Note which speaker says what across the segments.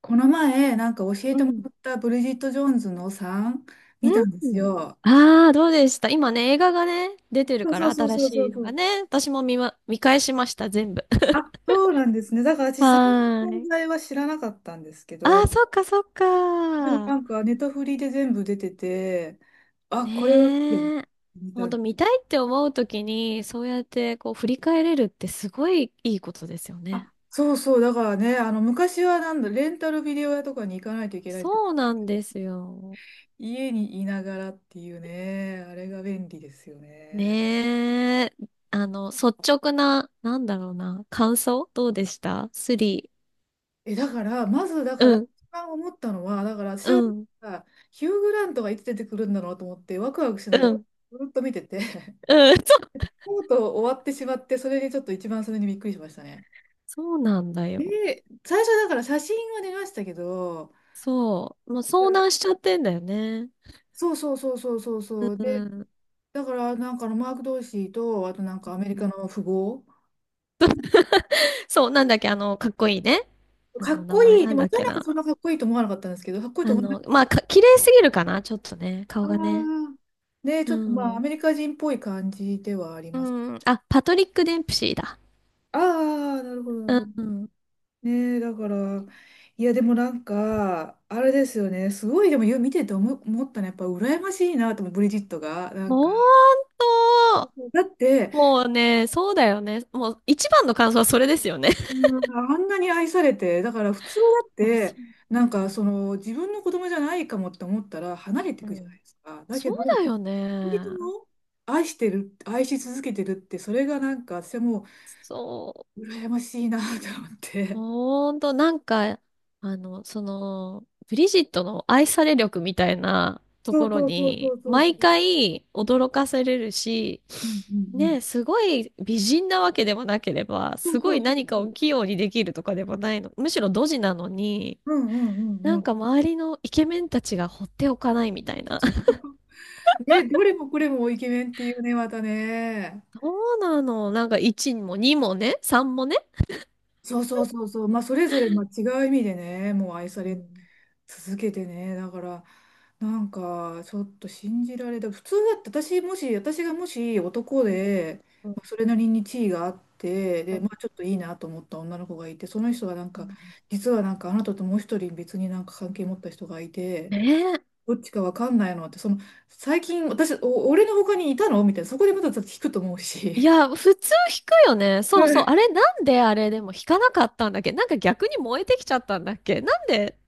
Speaker 1: この前、なんか教え
Speaker 2: う
Speaker 1: ても
Speaker 2: ん。
Speaker 1: らったブリジット・ジョーンズのさん見たんで
Speaker 2: う
Speaker 1: す
Speaker 2: ん。
Speaker 1: よ。
Speaker 2: ああ、どうでした？今ね、映画がね、出てる
Speaker 1: そう
Speaker 2: か
Speaker 1: そ
Speaker 2: ら、
Speaker 1: うそう
Speaker 2: 新
Speaker 1: そうそ
Speaker 2: しい
Speaker 1: うそ
Speaker 2: のが
Speaker 1: う。
Speaker 2: ね。私も見返しました、全部。
Speaker 1: あ、そうなんですね。だから私、さん
Speaker 2: はー
Speaker 1: の存
Speaker 2: い。
Speaker 1: 在は知らなかったんですけ
Speaker 2: あ
Speaker 1: ど、
Speaker 2: あ、そっか、そっ
Speaker 1: でも
Speaker 2: か。
Speaker 1: なんかネタフリで全部出てて、あ、これはいいや、
Speaker 2: ねえ。
Speaker 1: 見
Speaker 2: ほ
Speaker 1: た
Speaker 2: ん
Speaker 1: ん
Speaker 2: と、見たいって思うときに、そうやって、こう、振り返れるってすごいいいことですよ
Speaker 1: あ、
Speaker 2: ね。
Speaker 1: そうそう、だからね、昔はなんだ、レンタルビデオ屋とかに行かないといけないって、
Speaker 2: そうなんですよ。
Speaker 1: 家にいながらっていうね、あれが便利ですよね。
Speaker 2: ねえ。率直な、なんだろうな、感想どうでした、スリ
Speaker 1: え、だから、まず、だ
Speaker 2: ー。
Speaker 1: か
Speaker 2: う
Speaker 1: ら、
Speaker 2: ん、
Speaker 1: 一番思ったのは、だから、私
Speaker 2: う
Speaker 1: は、
Speaker 2: ん、
Speaker 1: ヒュー・グラントがいつ出てくるんだろうと思って、ワクワクし
Speaker 2: う
Speaker 1: な
Speaker 2: ん、
Speaker 1: がら、
Speaker 2: うん。
Speaker 1: ずっと見てて、
Speaker 2: そう
Speaker 1: とうとう終わってしまって、それにちょっと一番それにびっくりしましたね。
Speaker 2: そうなんだよ。
Speaker 1: で、最初だから写真は出ましたけど、
Speaker 2: そう。もう
Speaker 1: う
Speaker 2: 遭
Speaker 1: ん、
Speaker 2: 難しちゃってんだよね。
Speaker 1: そうそうそうそうそう
Speaker 2: う
Speaker 1: そう。で、
Speaker 2: ん。
Speaker 1: だから、なんかマーク・ドーシーと、あとなんかアメリカの富豪。
Speaker 2: そう、なんだっけ、あの、かっこいいね。あ
Speaker 1: かっ
Speaker 2: の、名
Speaker 1: こ
Speaker 2: 前
Speaker 1: いい。
Speaker 2: な
Speaker 1: で
Speaker 2: ん
Speaker 1: も、
Speaker 2: だっ
Speaker 1: 私は
Speaker 2: け
Speaker 1: なんか
Speaker 2: な。
Speaker 1: そんなかっこいいと思わなかったんですけど、かっこいいと
Speaker 2: あ
Speaker 1: 思いまし
Speaker 2: の、まあ、綺麗すぎるかな、ちょっとね、顔
Speaker 1: た。あ
Speaker 2: がね。
Speaker 1: ー、で、ち
Speaker 2: う
Speaker 1: ょっとまあ、ア
Speaker 2: ん。
Speaker 1: メリカ人っぽい感じではあり
Speaker 2: う
Speaker 1: ます。
Speaker 2: ん。あ、パトリック・デンプシーだ。
Speaker 1: ああ、なるほど、なる
Speaker 2: う
Speaker 1: ほど。
Speaker 2: ん。
Speaker 1: ねえ、だから、いや、でもなんか、あれですよね、すごい、でもよ見てて思ったのは、やっぱ羨ましいなと思う、ブリジットが。なん
Speaker 2: ほ
Speaker 1: か、
Speaker 2: んと、
Speaker 1: だって、
Speaker 2: もうね、そうだよね。もう、一番の感想はそれですよね。
Speaker 1: うん、あんなに愛されて、だから普通だっ
Speaker 2: あ、そ
Speaker 1: て、
Speaker 2: う。
Speaker 1: なん
Speaker 2: う
Speaker 1: か、
Speaker 2: ん。
Speaker 1: その、自分の子供じゃないかもって思ったら、離れてい
Speaker 2: う
Speaker 1: くじゃない
Speaker 2: ん、
Speaker 1: ですか。だけ
Speaker 2: そう
Speaker 1: ど、
Speaker 2: だよ
Speaker 1: 恋人と
Speaker 2: ね。
Speaker 1: も愛してる、愛し続けてるって、それがなんか、私はも
Speaker 2: そう。
Speaker 1: う、羨ましいなと思って。
Speaker 2: ほんと、なんか、あの、その、ブリジットの愛され力みたいなと
Speaker 1: そう
Speaker 2: ころ
Speaker 1: そうそうそ
Speaker 2: に、
Speaker 1: うそうそ
Speaker 2: 毎
Speaker 1: う。
Speaker 2: 回驚かされるし、
Speaker 1: うんうん
Speaker 2: ね、すごい美人なわけでもなければ、
Speaker 1: うん。
Speaker 2: すご
Speaker 1: そ
Speaker 2: い
Speaker 1: うそう
Speaker 2: 何
Speaker 1: そう
Speaker 2: か
Speaker 1: そ
Speaker 2: を
Speaker 1: う。
Speaker 2: 器用にできるとかでもないの。むしろドジなのに、
Speaker 1: うんうんう
Speaker 2: な
Speaker 1: んう
Speaker 2: ん
Speaker 1: ん。
Speaker 2: か周りのイケメンたちが放っておかないみたいな。
Speaker 1: ね、どれもこれもイケメンっていうね、またね。
Speaker 2: そうなの。なんか1も2もね、3もね。
Speaker 1: そうそうそうそう。まあ、それぞれ、まあ、違う意味でね、もう愛さ
Speaker 2: う
Speaker 1: れ
Speaker 2: ん、
Speaker 1: 続けてね。だから、なんか、ちょっと信じられた。普通だって、私、もし、私がもし男
Speaker 2: うん、
Speaker 1: で、
Speaker 2: うん、
Speaker 1: まあそれなりに地位があって、で、まあ、ちょっといいなと思った女の子がいて、その人がなん
Speaker 2: う
Speaker 1: か、
Speaker 2: ん、
Speaker 1: 実はなんか、あなたともう一人別になんか関係持った人がいて、
Speaker 2: ねえ。
Speaker 1: どっちかわかんないのって、その、最近、私、お、俺の他にいたのみたいな、そこでまた聞くと思う
Speaker 2: い
Speaker 1: し。
Speaker 2: や、普通弾くよね。
Speaker 1: う
Speaker 2: そうそう。
Speaker 1: ん、
Speaker 2: あれ、なんであれでも弾かなかったんだっけ、なんか逆に燃えてきちゃったんだっけ、なんで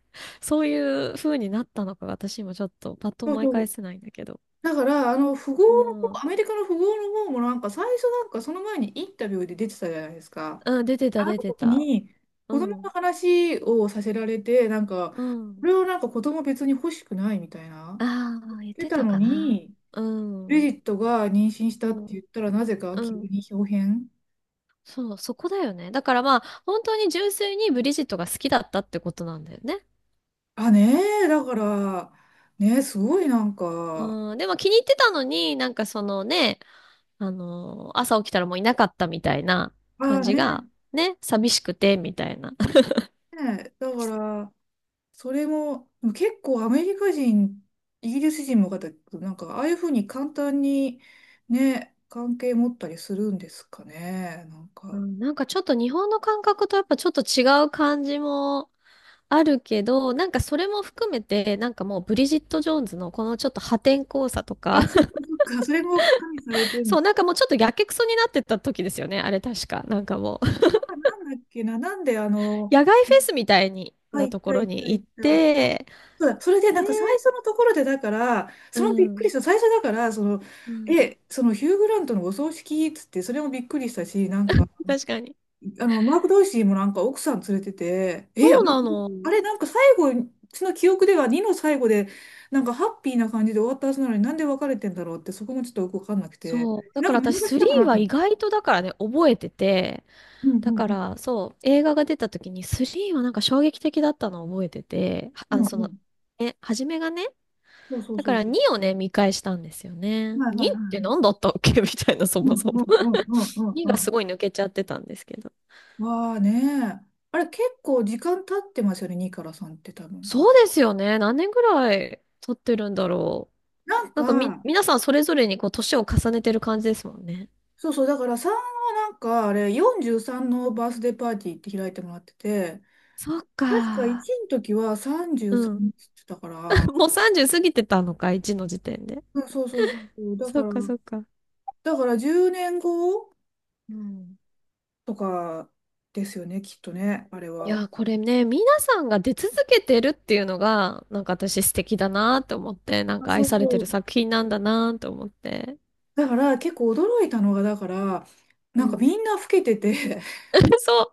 Speaker 2: そういう風になったのか私今ちょっとパッと
Speaker 1: そう
Speaker 2: 思い
Speaker 1: そ
Speaker 2: 返
Speaker 1: う。
Speaker 2: せないんだけど。
Speaker 1: だから、富豪
Speaker 2: う
Speaker 1: の方、
Speaker 2: ん。
Speaker 1: アメリカの富豪の方もなんか、最初なんか、その前にインタビューで出てたじゃないですか。
Speaker 2: うん、出て
Speaker 1: あ
Speaker 2: た、
Speaker 1: る
Speaker 2: 出
Speaker 1: の
Speaker 2: て
Speaker 1: 時
Speaker 2: た。
Speaker 1: に、
Speaker 2: う
Speaker 1: 子供の
Speaker 2: ん。
Speaker 1: 話をさせられて、なんか、
Speaker 2: う
Speaker 1: こ
Speaker 2: ん。
Speaker 1: れをなんか子供別に欲しくないみたいな、
Speaker 2: ああ、言っ
Speaker 1: 出
Speaker 2: て
Speaker 1: た
Speaker 2: た
Speaker 1: の
Speaker 2: かな。
Speaker 1: に、
Speaker 2: う
Speaker 1: ブリ
Speaker 2: ん。
Speaker 1: ジットが妊娠し
Speaker 2: う
Speaker 1: たって言
Speaker 2: ん。
Speaker 1: ったら、なぜか
Speaker 2: う
Speaker 1: 急
Speaker 2: ん。
Speaker 1: に豹変。
Speaker 2: そう、そこだよね。だからまあ、本当に純粋にブリジットが好きだったってことなんだよね。
Speaker 1: あ、ねえ、だから、ねえ、すごいなんか、
Speaker 2: うん。でも気に入ってたのに、なんかそのね、朝起きたらもういなかったみたいな感
Speaker 1: ああ
Speaker 2: じ
Speaker 1: ね、
Speaker 2: が、ね、寂しくて、みたいな。
Speaker 1: ね、だから、それも、でも結構アメリカ人、イギリス人も方、なんか、ああいうふうに簡単にね、関係持ったりするんですかね、なん
Speaker 2: う
Speaker 1: か。
Speaker 2: ん、なんかちょっと日本の感覚とやっぱちょっと違う感じもあるけど、なんかそれも含めて、なんかもうブリジット・ジョーンズのこのちょっと破天荒さとか、
Speaker 1: あ、そっ かそっか、それも加味されてるんで
Speaker 2: そう、
Speaker 1: す。
Speaker 2: なんかもうちょっとやけくそになってた時ですよね、あれ確か。なんかもう、
Speaker 1: まあ、なんだっけな、なんで
Speaker 2: 野外フェスみたいに
Speaker 1: あ、い
Speaker 2: な
Speaker 1: っ
Speaker 2: とこ
Speaker 1: たい
Speaker 2: ろ
Speaker 1: った
Speaker 2: に
Speaker 1: いっ
Speaker 2: 行っ
Speaker 1: た。あ、
Speaker 2: て、
Speaker 1: そうだ、それでなんか最
Speaker 2: で、
Speaker 1: 初のところで、だから、
Speaker 2: う
Speaker 1: そのびっくり
Speaker 2: ん、
Speaker 1: した、最初だから、その、
Speaker 2: うん、
Speaker 1: え、そのヒュー・グラントのお葬式っつって、それもびっくりしたし、なんか、
Speaker 2: 確かに。
Speaker 1: マーク・ドーシーもなんか奥さん連れてて、え、あ
Speaker 2: そう
Speaker 1: れ、
Speaker 2: なの。
Speaker 1: あれなんか最後、その記憶では2の最後で、なんかハッピーな感じで終わったはずなのになんで別れてんだろうって、そこもちょっとよくわかんなくて、
Speaker 2: そう。だ
Speaker 1: なん
Speaker 2: か
Speaker 1: か
Speaker 2: ら
Speaker 1: 見逃
Speaker 2: 私
Speaker 1: したか
Speaker 2: 3
Speaker 1: なと
Speaker 2: は
Speaker 1: 思っ
Speaker 2: 意
Speaker 1: て。
Speaker 2: 外とだからね、覚えてて、
Speaker 1: うん
Speaker 2: だ
Speaker 1: うん
Speaker 2: か
Speaker 1: うん
Speaker 2: らそう、映画が出た時に3はなんか衝撃的だったのを覚えてて、あ
Speaker 1: う
Speaker 2: の、
Speaker 1: ん
Speaker 2: そ
Speaker 1: う
Speaker 2: の、
Speaker 1: ん。
Speaker 2: え、初めがね、
Speaker 1: そうそう
Speaker 2: だ
Speaker 1: そ
Speaker 2: か
Speaker 1: う
Speaker 2: ら
Speaker 1: そ
Speaker 2: 2をね、見返したんですよ
Speaker 1: う。
Speaker 2: ね。
Speaker 1: はいは
Speaker 2: 2
Speaker 1: いは
Speaker 2: って
Speaker 1: い。
Speaker 2: 何だったっけ みたいな、そ
Speaker 1: う
Speaker 2: も
Speaker 1: ん
Speaker 2: そも。
Speaker 1: うんうんうんう ん
Speaker 2: 2
Speaker 1: う
Speaker 2: が
Speaker 1: ん。
Speaker 2: すごい抜けちゃってたんですけど。
Speaker 1: わあね、あれ結構時間経ってますよね、2から3って多分。
Speaker 2: そうですよね。何年ぐらい経ってるんだろう。
Speaker 1: なん
Speaker 2: なんかみ、
Speaker 1: か、
Speaker 2: 皆さんそれぞれにこう、年を重ねてる感じですもんね。
Speaker 1: そうそう、だから3はなんかあれ43のバースデーパーティーって開いてもらってて、
Speaker 2: そっ
Speaker 1: 確か
Speaker 2: か。
Speaker 1: 1の時は
Speaker 2: う
Speaker 1: 33って
Speaker 2: ん。
Speaker 1: 言ってたから、
Speaker 2: もう30過ぎてたのか、1の時点で。
Speaker 1: うん、そうそうそうそう、だ
Speaker 2: そ
Speaker 1: か
Speaker 2: う
Speaker 1: ら、
Speaker 2: か、そうか。
Speaker 1: だから10年後
Speaker 2: うん。
Speaker 1: とかですよね、きっとね、あれ
Speaker 2: い
Speaker 1: は。
Speaker 2: やー、これね、皆さんが出続けてるっていうのが、なんか私素敵だなと思って、なん
Speaker 1: あ、
Speaker 2: か
Speaker 1: そ
Speaker 2: 愛
Speaker 1: う
Speaker 2: されて
Speaker 1: そ
Speaker 2: る
Speaker 1: う。
Speaker 2: 作品なんだなと思って。
Speaker 1: だから結構驚いたのが、だから、
Speaker 2: う
Speaker 1: なんか
Speaker 2: ん。
Speaker 1: みんな老けてて
Speaker 2: そう。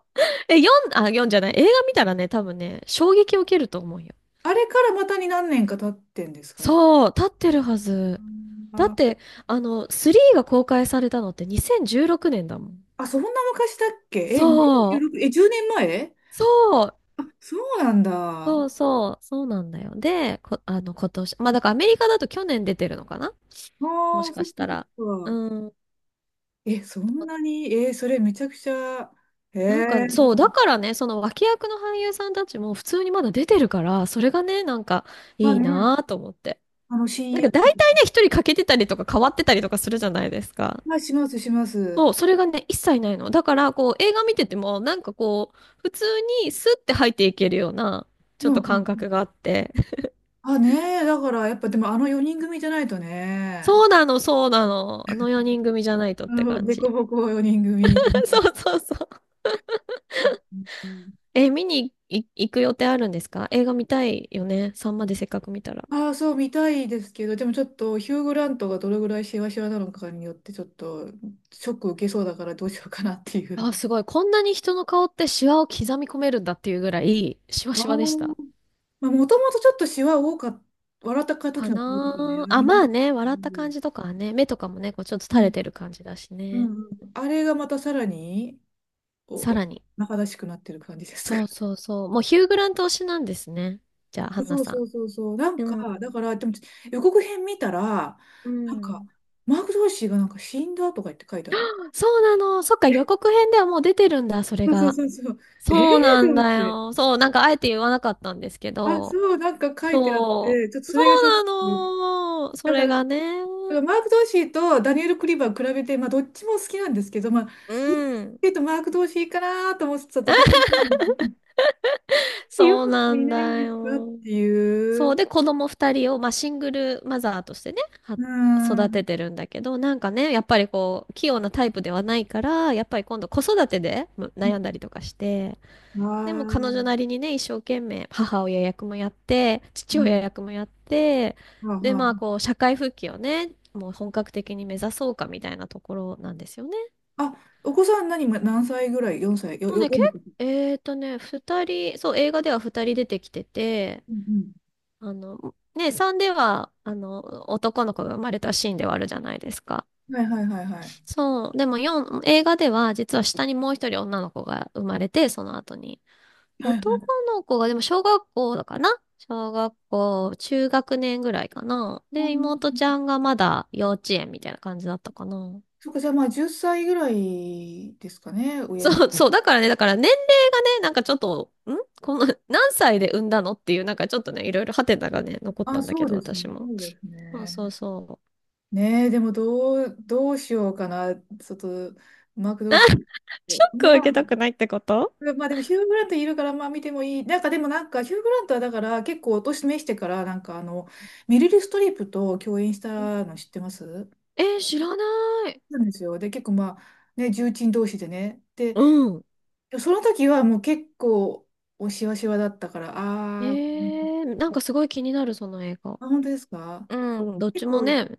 Speaker 2: え、あ、読んじゃない。映画見たらね、多分ね、衝撃を受けると思うよ。
Speaker 1: あれからまたに何年か経ってんですかね。
Speaker 2: そう、立ってるはず。だっ
Speaker 1: あ、
Speaker 2: て、あの、3が公開されたのって2016年だもん。
Speaker 1: あ、そんな昔だっけ、え、
Speaker 2: そう、
Speaker 1: 2016、え、10年前、
Speaker 2: そう、
Speaker 1: あ、そうなんだ。
Speaker 2: そ
Speaker 1: あ
Speaker 2: うそう、そうなんだよ。で、あの、今年、まあだからアメリカだと去年出てるのかなもし
Speaker 1: あ、そ
Speaker 2: か
Speaker 1: っ
Speaker 2: した
Speaker 1: か
Speaker 2: ら。
Speaker 1: そ
Speaker 2: う
Speaker 1: っか。
Speaker 2: ん。
Speaker 1: え、そんなに、えー、それめちゃくちゃ、え
Speaker 2: なんか、そう、
Speaker 1: ー、
Speaker 2: だからね、その脇役の俳優さんたちも普通にまだ出てるから、それがね、なんか
Speaker 1: あ
Speaker 2: いい
Speaker 1: ね、
Speaker 2: なぁと思って。
Speaker 1: あの親
Speaker 2: なんか
Speaker 1: 友、
Speaker 2: 大体ね、一人欠けてたりとか変わってたりとかするじゃないですか。
Speaker 1: はいします、します。
Speaker 2: そう、それがね、一切ないの。だから、こう、映画見てても、なんかこう、普通にスッて入っていけるような、ちょ
Speaker 1: う
Speaker 2: っ
Speaker 1: んう
Speaker 2: と感
Speaker 1: ん。
Speaker 2: 覚があって。
Speaker 1: あ、ねえ、だからやっぱでもあの4人組じゃないと
Speaker 2: そ
Speaker 1: ね、
Speaker 2: うなの、そうなの。あの4人組じゃないとっ
Speaker 1: あ
Speaker 2: て
Speaker 1: の
Speaker 2: 感
Speaker 1: デコ
Speaker 2: じ。
Speaker 1: ボコ4人組。
Speaker 2: そうそうそう。え、見に行く予定あるんですか？映画見たいよね。さんまでせっかく見たら。
Speaker 1: ああ、そう見たいですけど、でもちょっとヒュー・グラントがどれぐらいシワシワなのかによってちょっとショック受けそうだからどうしようかなっていう。
Speaker 2: あ、すごい。こんなに人の顔ってシワを刻み込めるんだっていうぐらい、シワ
Speaker 1: あ
Speaker 2: シワでした。
Speaker 1: ー、まあ、もともとちょっとシワ多かった、笑った時
Speaker 2: か
Speaker 1: の顔と
Speaker 2: な
Speaker 1: かね、
Speaker 2: ー
Speaker 1: あ
Speaker 2: あ、
Speaker 1: ります
Speaker 2: まあね、
Speaker 1: けど。
Speaker 2: 笑
Speaker 1: う
Speaker 2: った感
Speaker 1: ん
Speaker 2: じとかはね、目とかもね、こうちょっと
Speaker 1: う
Speaker 2: 垂れ
Speaker 1: ん
Speaker 2: てる感じだし
Speaker 1: う
Speaker 2: ね。
Speaker 1: んうん、あれがまたさらに
Speaker 2: さ
Speaker 1: お、
Speaker 2: らに。
Speaker 1: 中だしくなってる感じですか？
Speaker 2: そうそうそう。もうヒュー・グラント推しなんですね。じゃあ、ハンナ
Speaker 1: そう
Speaker 2: さ
Speaker 1: そ
Speaker 2: ん。
Speaker 1: うそうそう。なん
Speaker 2: う
Speaker 1: か、だ
Speaker 2: ん。
Speaker 1: から、でも予告編見たら、
Speaker 2: う
Speaker 1: なんか、
Speaker 2: ん。
Speaker 1: マーク・ドーシーがなんか死んだとか言って書いてあって。
Speaker 2: そうなの。そっか、予 告編ではもう出てるんだ、それ
Speaker 1: そうそう
Speaker 2: が。
Speaker 1: そうそう。ええ
Speaker 2: そう
Speaker 1: ー、
Speaker 2: な
Speaker 1: と
Speaker 2: ん
Speaker 1: 思っ
Speaker 2: だ
Speaker 1: て。
Speaker 2: よ。そう、なんかあえて言わなかったんですけ
Speaker 1: あ、そ
Speaker 2: ど、
Speaker 1: う、なんか書いてあっ
Speaker 2: そ
Speaker 1: て、ちょっと
Speaker 2: う。
Speaker 1: そ
Speaker 2: そ
Speaker 1: れがちょっと、
Speaker 2: うなの。そ
Speaker 1: だか
Speaker 2: れ
Speaker 1: ら、だか
Speaker 2: がね。
Speaker 1: らマーク・ドーシーとダニエル・クリバー比べて、まあ、どっちも好きなんですけど、まあ、
Speaker 2: う
Speaker 1: どっちかっ
Speaker 2: ん。
Speaker 1: ていうとマーク・ドーシーかなと思ってたところに、ヨナ
Speaker 2: そうな
Speaker 1: がい
Speaker 2: ん
Speaker 1: ないん
Speaker 2: だ
Speaker 1: ですかっ
Speaker 2: よ。
Speaker 1: てい
Speaker 2: そう。
Speaker 1: う。
Speaker 2: で、子供二人を、まあ、シングルマザーとしてね、は
Speaker 1: うん。あ
Speaker 2: 育て
Speaker 1: あ。
Speaker 2: てるんだけど、なんかね、やっぱりこう、器用なタイプではないから、やっぱり今度子育てで悩んだりとかして、でも彼女なりにね、一生懸命母親役もやって、
Speaker 1: う
Speaker 2: 父
Speaker 1: ん、
Speaker 2: 親役もやって、
Speaker 1: はあ
Speaker 2: で、
Speaker 1: は
Speaker 2: まあ
Speaker 1: あ、
Speaker 2: こう、社会復帰をね、もう本格的に目指そうかみたいなところなんですよね。
Speaker 1: あ、お子さん何、ま、何歳ぐらい？ 4 歳よ、
Speaker 2: もう
Speaker 1: よ、
Speaker 2: ね、
Speaker 1: よんの時
Speaker 2: 二人、そう、映画では二人出てきてて、
Speaker 1: うん
Speaker 2: あの、ね、3では、あの、男の子が生まれたシーンではあるじゃないですか。
Speaker 1: うん。はいはいはいはい。
Speaker 2: そう、でも四映画では、実は下にもう一人女の子が生まれて、その後に。
Speaker 1: はいは
Speaker 2: 男
Speaker 1: い。
Speaker 2: の子が、でも小学校かな、小学校、中学年ぐらいかな。
Speaker 1: う
Speaker 2: で、
Speaker 1: ん、
Speaker 2: 妹ちゃんがまだ幼稚園みたいな感じだったかな。
Speaker 1: そっか、じゃあまあ10歳ぐらいですかね、上の子。
Speaker 2: そう、そう、だからね、だから年齢がね、なんかちょっと、この、何歳で産んだのっていう、なんかちょっとね、いろいろハテナがね、残っ
Speaker 1: あ、
Speaker 2: たんだ
Speaker 1: そ
Speaker 2: け
Speaker 1: う
Speaker 2: ど、
Speaker 1: です
Speaker 2: 私
Speaker 1: ね、
Speaker 2: も。
Speaker 1: そうです
Speaker 2: そうそう
Speaker 1: ね。
Speaker 2: そう。
Speaker 1: ねえ、でもどう、どうしようかな、ちょっと、マークどうし
Speaker 2: ショ
Speaker 1: よう。
Speaker 2: ックを受
Speaker 1: ま
Speaker 2: けたくないってこと？
Speaker 1: あ、まあでもヒュー・グラントいるから、まあ見てもいい。なんかでもなんか、ヒュー・グラントはだから結構お年めしてから、なんかメリル・ストリープと共演したの知ってます？
Speaker 2: えー、知らない。
Speaker 1: そうなんですよ。で、結構まあ、ね、重鎮同士でね。で、
Speaker 2: うん。
Speaker 1: その時はもう結構、おしわしわだったから、
Speaker 2: え
Speaker 1: あー、
Speaker 2: ー、なんかすごい気になる、その映画。
Speaker 1: あ、本当ですか？
Speaker 2: うん、どっち
Speaker 1: 結
Speaker 2: も
Speaker 1: 構、
Speaker 2: ね、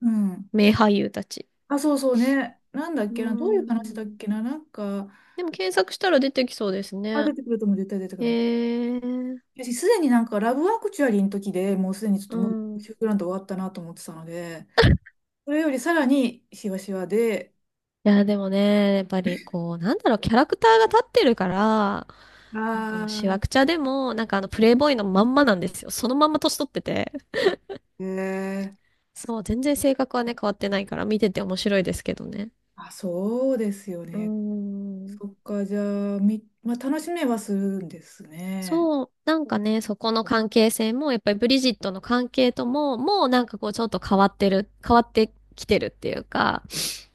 Speaker 1: うん。
Speaker 2: 名俳優たち。
Speaker 1: あ、そうそうね。なんだっ
Speaker 2: う
Speaker 1: けな、どういう話だっ
Speaker 2: ん。
Speaker 1: けな、なんか、
Speaker 2: でも検索したら出てきそうです
Speaker 1: あ、
Speaker 2: ね。
Speaker 1: 出てくるとも絶対出てく
Speaker 2: え
Speaker 1: る。
Speaker 2: ー、
Speaker 1: 私、すでになんか、ラブアクチュアリーの時でもうすでにちょっ
Speaker 2: う
Speaker 1: ともう、
Speaker 2: ん。
Speaker 1: シュー
Speaker 2: い
Speaker 1: クランド終わったなと思ってたので、それよりさらにしわしわで、
Speaker 2: や、でもね、やっぱりこう、なんだろう、キャラクターが立ってるから、なんかもう
Speaker 1: あ
Speaker 2: しわ
Speaker 1: あ、
Speaker 2: くちゃでも、なんかあのプレイボーイのまんまなんですよ。そのまんま年取ってて。
Speaker 1: えー、
Speaker 2: そう、全然性格はね、変わってないから見てて面白いですけどね。
Speaker 1: あ、そうですよ
Speaker 2: うー
Speaker 1: ね。
Speaker 2: ん。
Speaker 1: そっか、じゃあ、み、まあ、楽しめはするんですね。
Speaker 2: そう、なんかね、そこの関係性も、やっぱりブリジットの関係とも、もうなんかこうちょっと変わってる、変わってきてるっていうか、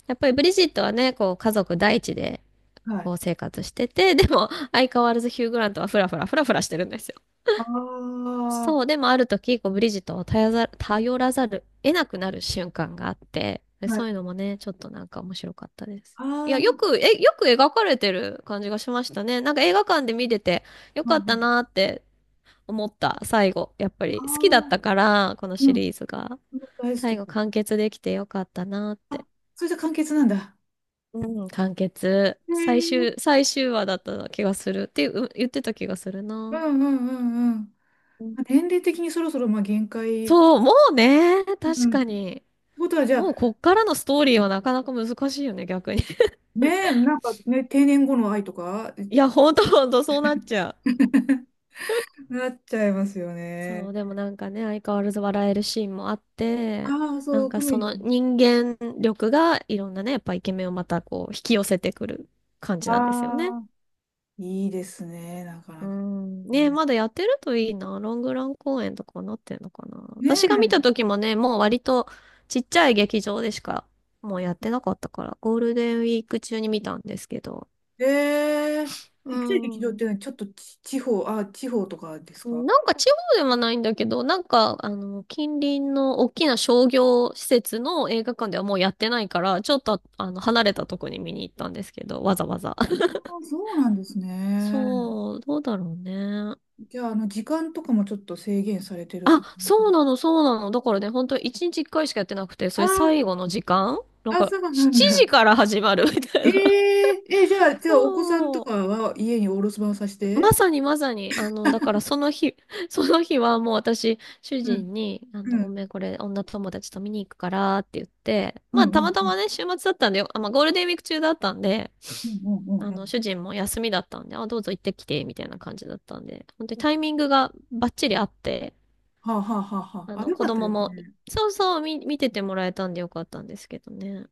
Speaker 2: やっぱりブリジットはね、こう家族第一で、
Speaker 1: は
Speaker 2: こ
Speaker 1: い。
Speaker 2: う生活してて、でも相変わらずヒュー・グラントはフラフラフラフラしてるんですよ。
Speaker 1: あ
Speaker 2: そ
Speaker 1: あ、
Speaker 2: う、でもある時、こう、ブリジットを頼らざる、得なくなる瞬間があって、で
Speaker 1: はい。
Speaker 2: そういうのもね、ちょっとなんか面白かったです。い
Speaker 1: ああ、
Speaker 2: や、よく描かれてる感じがしましたね。なんか映画館で見てて、よ
Speaker 1: まあ、う
Speaker 2: かった
Speaker 1: ん、
Speaker 2: なーって思った、最後。やっぱ
Speaker 1: ああ、
Speaker 2: り好きだったから、この
Speaker 1: う
Speaker 2: シ
Speaker 1: ん、
Speaker 2: リーズが。
Speaker 1: 大好
Speaker 2: 最
Speaker 1: き。
Speaker 2: 後完結できてよかったなーって。
Speaker 1: それじゃ簡潔なんだ。
Speaker 2: うん、完結。
Speaker 1: へえ。
Speaker 2: 最終話だった気がするっていう、言ってた気がする
Speaker 1: う
Speaker 2: な。
Speaker 1: んうんうんうん。
Speaker 2: うん、
Speaker 1: まあ年齢的にそろそろまあ限界。
Speaker 2: そう、もうね、
Speaker 1: う
Speaker 2: 確
Speaker 1: ん。って
Speaker 2: かに。
Speaker 1: ことは、じゃ
Speaker 2: も
Speaker 1: あ、
Speaker 2: うこっからのストーリーはなかなか難しいよね、逆に。
Speaker 1: ねえ、なんかね、定年後の愛とか
Speaker 2: いや、ほんとほんと、そうなっちゃう。
Speaker 1: なっちゃいますよ
Speaker 2: そ
Speaker 1: ね。
Speaker 2: う、でもなんかね、相変わらず笑えるシーンもあって、
Speaker 1: ああ、
Speaker 2: な
Speaker 1: そ
Speaker 2: ん
Speaker 1: う、コ
Speaker 2: か
Speaker 1: メ
Speaker 2: そ
Speaker 1: デ
Speaker 2: の
Speaker 1: ィ。
Speaker 2: 人間力がいろんなね、やっぱイケメンをまたこう引き寄せてくる感じなんですよね。
Speaker 1: ああ、いいですね、なか
Speaker 2: う
Speaker 1: なか。
Speaker 2: ん。ね、
Speaker 1: ね、
Speaker 2: まだやってるといいな。ロングラン公演とかなってんのかな。
Speaker 1: ね
Speaker 2: 私が見た
Speaker 1: え、
Speaker 2: 時もね、もう割とちっちゃい劇場でしかもうやってなかったから、ゴールデンウィーク中に見たんですけど。
Speaker 1: ええ、ち
Speaker 2: う
Speaker 1: っちゃい劇場っ
Speaker 2: ん。
Speaker 1: ていうのはちょっとち、地方、あ、地方とかです
Speaker 2: な
Speaker 1: か？
Speaker 2: んか地方ではないんだけど、なんか、あの、近隣の大きな商業施設の映画館ではもうやってないから、ちょっと、あの、離れたとこに見に行ったんですけど、わざわざ。
Speaker 1: ああ、そうなんですね。
Speaker 2: そう、どうだろうね。
Speaker 1: じゃあ、時間とかもちょっと制限されてる
Speaker 2: あ、
Speaker 1: か。
Speaker 2: そうなの、そうなの。だからね、本当に1日1回しかやってなくて、そ
Speaker 1: あ
Speaker 2: れ最後の時間なん
Speaker 1: あ、あ、
Speaker 2: か、
Speaker 1: そうなん
Speaker 2: 7時
Speaker 1: だ。
Speaker 2: から始まるみたい
Speaker 1: え、
Speaker 2: な。
Speaker 1: ええ、じゃあ、じゃあ、お子さんと
Speaker 2: そう。
Speaker 1: かは家にお留守番させ
Speaker 2: ま
Speaker 1: て。
Speaker 2: さにまさに、あの、だからその日、その日はもう私、主
Speaker 1: うん、
Speaker 2: 人に、あ
Speaker 1: う
Speaker 2: の、ごめん、
Speaker 1: ん。
Speaker 2: これ、女友達と見に行くからって言って、
Speaker 1: う
Speaker 2: ま
Speaker 1: ん、
Speaker 2: あ、
Speaker 1: うん、
Speaker 2: たまた
Speaker 1: うん、
Speaker 2: まね、週末だったんでよ、あ、まあ、ゴールデンウィーク中だったんで、
Speaker 1: うん、うん。
Speaker 2: あ
Speaker 1: う
Speaker 2: の、
Speaker 1: ん、
Speaker 2: 主人も休みだったんで、あ、どうぞ行ってきて、みたいな感じだったんで、本当にタイミングがバッチリあって、
Speaker 1: はあ、はあはあは
Speaker 2: あ
Speaker 1: あ。あ、
Speaker 2: の、
Speaker 1: よ
Speaker 2: 子
Speaker 1: かった
Speaker 2: 供
Speaker 1: です
Speaker 2: も、
Speaker 1: ね。
Speaker 2: そうそう、見ててもらえたんでよかったんですけどね。